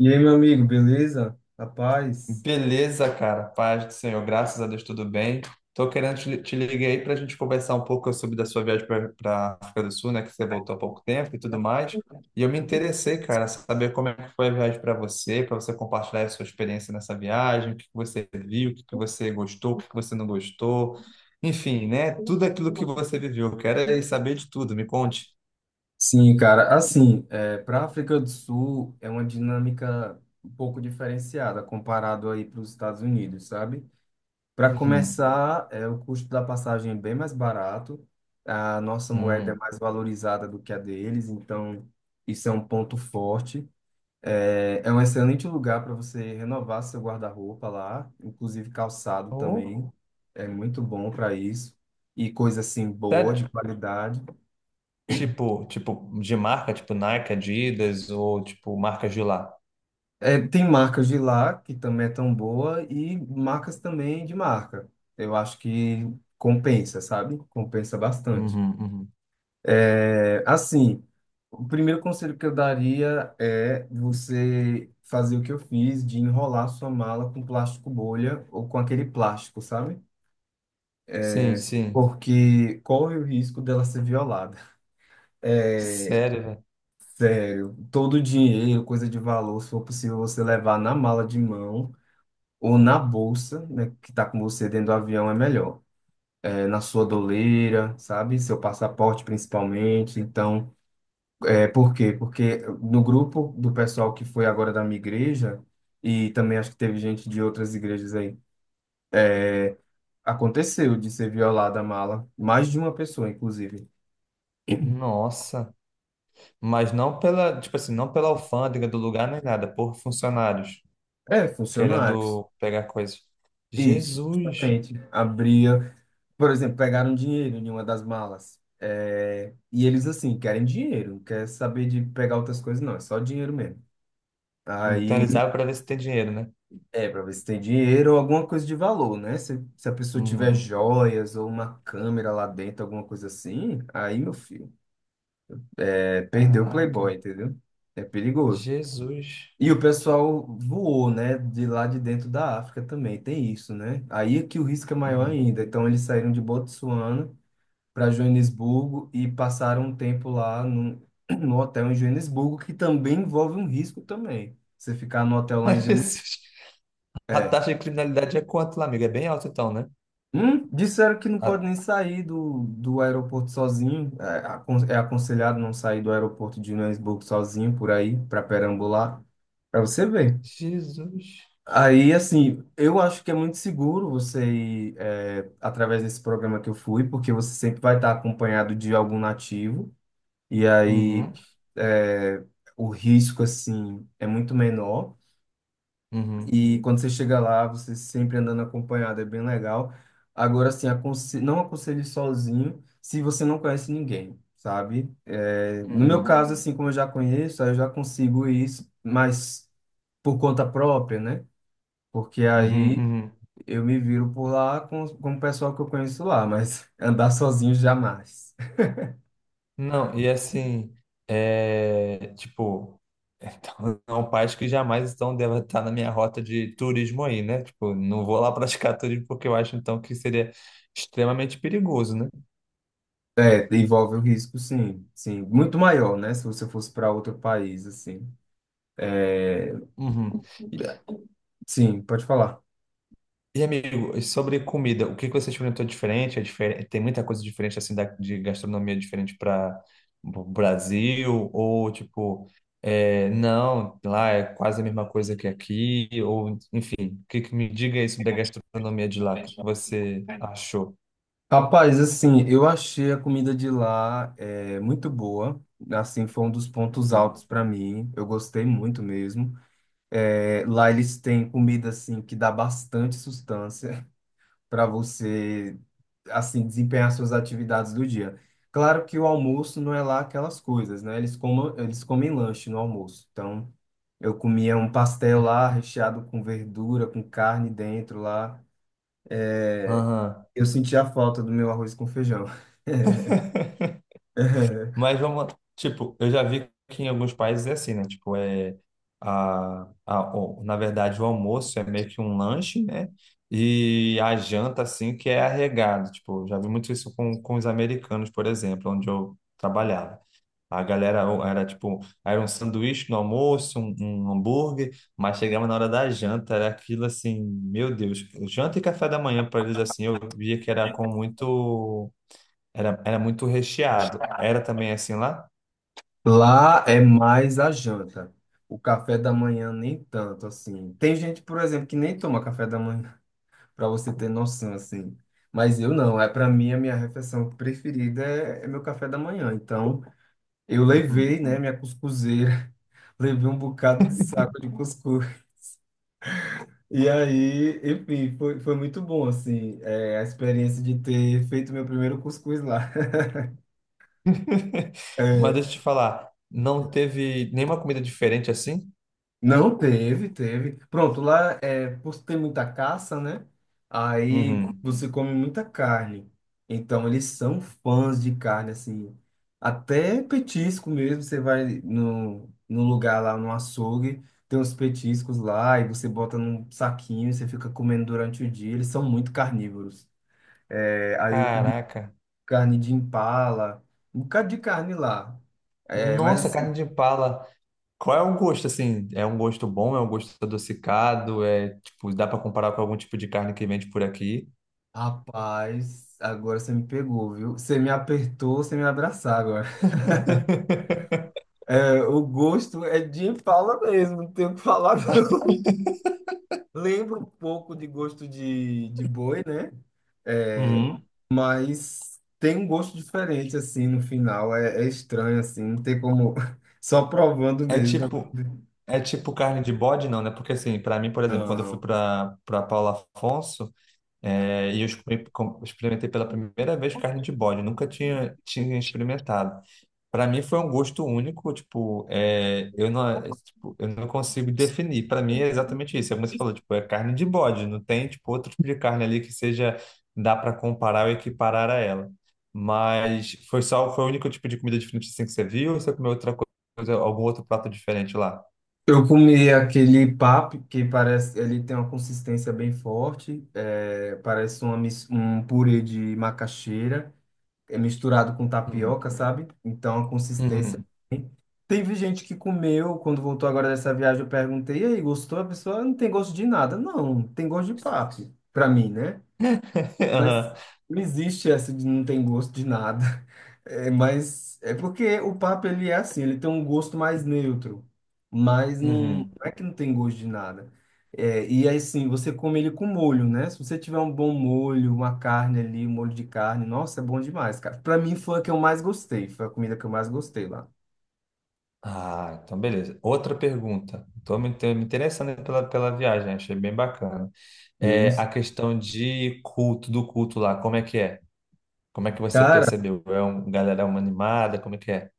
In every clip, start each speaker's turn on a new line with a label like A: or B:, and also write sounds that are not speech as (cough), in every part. A: E aí, meu amigo, beleza? Rapaz?
B: Beleza, cara. Paz do Senhor, graças a Deus, tudo bem. Tô querendo te ligar aí para a gente conversar um pouco sobre da sua viagem para África do Sul, né? Que você voltou há pouco tempo e tudo mais. E eu me interessei, cara, saber como é que foi a viagem para você compartilhar a sua experiência nessa viagem, o que que você viu, o que que você gostou, o que que você não gostou. Enfim, né? Tudo aquilo que você viveu. Eu quero é saber de tudo, me conte.
A: Sim, cara. Assim, para a África do Sul é uma dinâmica um pouco diferenciada comparado aí para os Estados Unidos, sabe? Para
B: Uhum.
A: começar, o custo da passagem é bem mais barato, a nossa moeda é
B: Hum.
A: mais valorizada do que a deles, então isso é um ponto forte. É, é um excelente lugar para você renovar seu guarda-roupa lá, inclusive calçado
B: Oh,
A: também, é muito bom para isso. E coisa assim boa,
B: sério?
A: de qualidade.
B: Tipo, tipo, de marca, tipo Nike, Adidas ou tipo marcas de lá.
A: É, tem marcas de lá que também é tão boa e marcas também de marca. Eu acho que compensa, sabe? Compensa bastante.
B: Uhum, uhum.
A: É, assim, o primeiro conselho que eu daria é você fazer o que eu fiz de enrolar sua mala com plástico bolha ou com aquele plástico, sabe?
B: Sim, sim.
A: Porque corre o risco dela ser violada.
B: Sério, velho.
A: Todo o dinheiro, coisa de valor, se for possível você levar na mala de mão ou na bolsa, né, que está com você dentro do avião, é melhor. É, na sua doleira, sabe? Seu passaporte principalmente. Então, é por quê? Porque no grupo do pessoal que foi agora da minha igreja, e também acho que teve gente de outras igrejas aí, aconteceu de ser violada a mala, mais de uma pessoa, inclusive.
B: Nossa. Mas não pela, tipo assim, não pela alfândega do lugar nem nada, por funcionários
A: É, funcionários.
B: querendo pegar coisas.
A: Isso,
B: Jesus.
A: justamente. Abria, por exemplo, pegaram dinheiro em uma das malas. É, e eles, assim, querem dinheiro, não quer saber de pegar outras coisas, não, é só dinheiro mesmo.
B: Então
A: Aí.
B: eles abrem pra ver se tem dinheiro, né?
A: É, para ver se tem dinheiro ou alguma coisa de valor, né? Se a pessoa tiver
B: Uhum.
A: joias ou uma câmera lá dentro, alguma coisa assim, aí, meu filho, perdeu o Playboy,
B: Caraca.
A: entendeu? É perigoso.
B: Jesus.
A: E o pessoal voou, né? De lá de dentro da África também, tem isso, né? Aí é que o risco é maior
B: Uhum.
A: ainda. Então, eles saíram de Botsuana para Joanesburgo e passaram um tempo lá no, (clears throat) no hotel em Joanesburgo, que também envolve um risco também. Você ficar no hotel
B: (laughs)
A: lá
B: Ai,
A: em Joanesburgo.
B: Jesus. A taxa de criminalidade é quanto lá, amiga? É bem alta então, né?
A: Disseram que não pode
B: A...
A: nem sair do aeroporto sozinho. É, é aconselhado não sair do aeroporto de Joanesburgo sozinho por aí, para perambular, para você ver.
B: Jesus.
A: Aí, assim, eu acho que é muito seguro você ir através desse programa que eu fui, porque você sempre vai estar acompanhado de algum nativo, e aí
B: Uhum,
A: é, o risco, assim, é muito menor.
B: uhum,
A: E quando você chega lá, você sempre andando acompanhado, é bem legal. Agora, assim, não aconselho sozinho se você não conhece ninguém, sabe? É, no meu
B: uhum.
A: caso, assim, como eu já conheço, aí eu já consigo isso, mas por conta própria, né? Porque
B: Uhum,
A: aí
B: uhum.
A: eu me viro por lá com o pessoal que eu conheço lá, mas (laughs) andar sozinho jamais.
B: Não, e assim, é, tipo, então, (laughs) são pais que jamais estão, devem estar na minha rota de turismo aí, né? Tipo, não vou lá praticar turismo porque eu acho então que seria extremamente perigoso, né?
A: É, envolve o risco, sim, sim. Muito maior, né? Se você fosse para outro país, assim.
B: Uhum.
A: Sim, pode falar.
B: E amigo, e sobre comida, o que que você experimentou diferente? É diferente? Tem muita coisa diferente assim da, de gastronomia diferente para o Brasil ou tipo, é, não, lá é quase a mesma coisa que aqui ou enfim, o que que me diga aí sobre a gastronomia de lá? O que que você achou?
A: Rapaz, assim, eu achei a comida de lá muito boa. Assim, foi um dos pontos
B: Hum.
A: altos para mim. Eu gostei muito mesmo. É, lá eles têm comida assim que dá bastante sustância (laughs) para você assim desempenhar suas atividades do dia. Claro que o almoço não é lá aquelas coisas, né? Eles comem lanche no almoço. Então, eu comia um pastel lá recheado com verdura, com carne dentro lá.
B: Aham.
A: Eu sentia a falta do meu arroz com feijão.
B: (laughs) Mas
A: (laughs)
B: vamos, tipo, eu já vi que em alguns países é assim, né? Tipo, é na verdade, o almoço é meio que um lanche, né? E a janta, assim, que é arregado. Tipo, já vi muito isso com os americanos, por exemplo, onde eu trabalhava. A galera era tipo, era um sanduíche no almoço, um hambúrguer, mas chegava na hora da janta, era aquilo assim, meu Deus, janta e café da manhã para eles assim, eu via que era com muito, era muito recheado. Era também assim lá?
A: Lá é mais a janta. O café da manhã nem tanto assim. Tem gente, por exemplo, que nem toma café da manhã, (laughs) para você ter noção assim. Mas eu não, é para mim a minha refeição preferida é meu café da manhã. Então, eu
B: Uhum.
A: levei, né, minha cuscuzeira, (laughs) levei um bocado de saco de cuscuz. E aí, enfim, foi muito bom assim, a experiência de ter feito meu primeiro cuscuz lá. (laughs)
B: (laughs) Mas
A: É.
B: deixa eu te falar, não teve nenhuma comida diferente assim?
A: Não teve, teve. Pronto, lá é por ter muita caça, né? Aí
B: Uhum.
A: você come muita carne. Então eles são fãs de carne, assim. Até petisco mesmo. Você vai no lugar lá, no açougue, tem uns petiscos lá e você bota num saquinho e você fica comendo durante o dia. Eles são muito carnívoros. É, aí eu comi
B: Caraca.
A: carne de impala, um bocado de carne lá. É, mas
B: Nossa,
A: assim.
B: carne de impala. Qual é o gosto assim? É um gosto bom? É um gosto adocicado? É tipo, dá pra comparar com algum tipo de carne que vende por aqui?
A: Rapaz, agora você me pegou, viu? Você me apertou, você me abraçar agora. (laughs)
B: (laughs)
A: É, o gosto é de fala mesmo, não tenho o que falar, não. (laughs) Lembro um pouco de gosto de boi, né? É,
B: Uhum.
A: mas tem um gosto diferente, assim, no final. É estranho, assim, não tem como. (laughs) Só provando
B: É
A: mesmo.
B: tipo, é tipo carne de bode, não, né? Porque assim, pra mim, por exemplo, quando eu fui
A: Não.
B: pra para Paulo Afonso, é, e eu experimentei pela primeira vez carne de bode, eu nunca tinha experimentado. Para mim foi um gosto único, tipo, é, eu não, é, tipo, eu não consigo definir. Para mim é exatamente isso. É como você falou, tipo, é carne de bode, não tem tipo outro tipo de carne ali que seja dá para comparar ou equiparar a ela. Mas foi só foi o único tipo de comida diferente assim que você viu, ou você comeu outra coisa, algum outro prato diferente lá?
A: Eu comi aquele papo que parece, ele tem uma consistência bem forte, é, parece um purê de macaxeira. É misturado com
B: Uhum.
A: tapioca, sabe? Então a consistência.
B: Uhum.
A: Teve gente que comeu quando voltou agora dessa viagem. Eu perguntei, e aí, gostou? A pessoa não tem gosto de nada. Não, tem gosto de papo, pra mim, né?
B: (laughs) Aham.
A: Não existe essa de não tem gosto de nada. (laughs) É, mas é porque o papo ele é assim, ele tem um gosto mais neutro, mas não, não
B: Uhum.
A: é que não tem gosto de nada. É, e aí sim, você come ele com molho, né? Se você tiver um bom molho, uma carne ali, um molho de carne, nossa, é bom demais, cara. Pra mim foi a que eu mais gostei, foi a comida que eu mais gostei lá.
B: Ah, então beleza. Outra pergunta. Estou me interessando pela viagem, achei bem bacana. É,
A: Sim.
B: a questão de culto, do culto lá, como é que é? Como é que você
A: Cara,
B: percebeu? É um, galera, é uma animada, como é que é?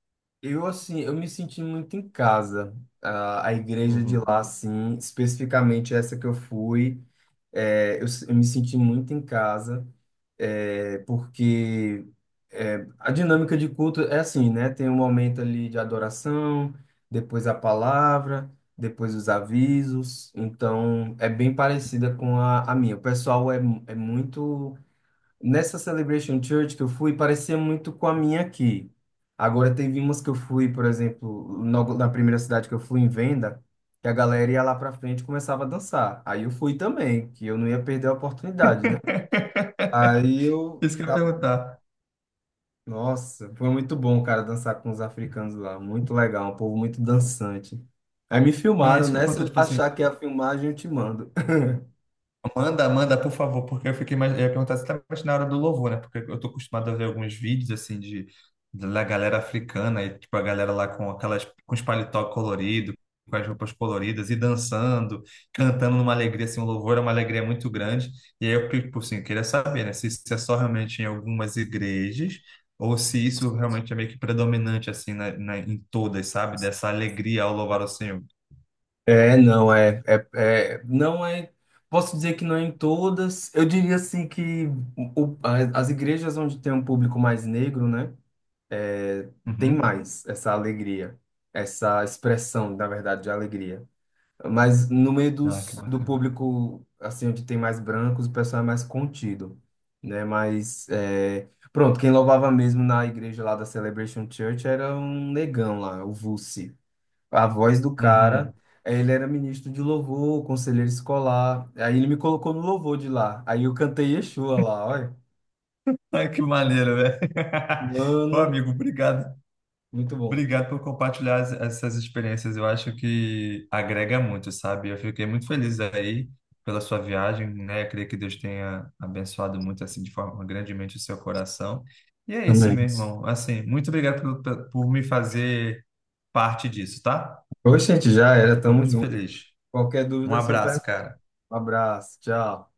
A: eu, assim, eu me senti muito em casa. Ah, a igreja de
B: Uhum.
A: lá, assim, especificamente essa que eu fui, eu me senti muito em casa, porque a dinâmica de culto é assim, né? Tem um momento ali de adoração, depois a palavra, depois os avisos. Então, é bem parecida com a minha. O pessoal é, é muito. Nessa Celebration Church que eu fui, parecia muito com a minha aqui. Agora, teve umas que eu fui, por exemplo, na primeira cidade que eu fui, em Venda, que a galera ia lá pra frente e começava a dançar. Aí eu fui também, que eu não ia perder a oportunidade, né? Aí eu.
B: Isso que eu ia
A: Tá.
B: perguntar.
A: Nossa, foi muito bom, cara, dançar com os africanos lá. Muito legal, um povo muito dançante. Aí me
B: É
A: filmaram,
B: isso que eu ia
A: né? Se
B: perguntar,
A: eu
B: tipo assim,
A: achar que é a filmagem, eu te mando.
B: manda, manda, por favor, porque eu fiquei mais, eu ia perguntar exatamente na hora do louvor, né? Porque eu tô acostumado a ver alguns vídeos assim de da galera africana e tipo a galera lá com aquelas com os paletó colorido, com as roupas coloridas e dançando, cantando numa alegria assim, o louvor é uma alegria muito grande. E aí eu tipo assim, eu queria saber, né, se isso é só realmente em algumas igrejas ou se isso realmente é meio que predominante assim em todas, sabe? Dessa alegria ao louvar o Senhor.
A: É, não, não é, posso dizer que não é em todas, eu diria assim que as igrejas onde tem um público mais negro, né, é, tem
B: Uhum.
A: mais essa alegria, essa expressão, na verdade, de alegria, mas no meio
B: Ah,
A: dos,
B: que
A: do,
B: bacana.
A: público, assim, onde tem mais brancos, o pessoal é mais contido, né, mas, pronto, quem louvava mesmo na igreja lá da Celebration Church era um negão lá, o Vuce, a voz do cara,
B: Uhum.
A: ele era ministro de louvor, conselheiro escolar. Aí ele me colocou no louvor de lá. Aí eu cantei Yeshua lá, olha.
B: Ai, que maneiro, velho. (laughs) Ô,
A: Mano,
B: amigo, obrigado.
A: muito bom.
B: Obrigado por compartilhar essas experiências. Eu acho que agrega muito, sabe? Eu fiquei muito feliz aí pela sua viagem, né? Eu creio que Deus tenha abençoado muito, assim, de forma grandemente o seu coração. E é isso,
A: Também.
B: meu irmão. Assim, muito obrigado por me fazer parte disso, tá?
A: Oxente, já
B: Eu
A: era,
B: fico
A: tamo
B: muito
A: junto.
B: feliz.
A: Qualquer
B: Um
A: dúvida é só
B: abraço,
A: pergunta.
B: cara.
A: Um abraço, tchau.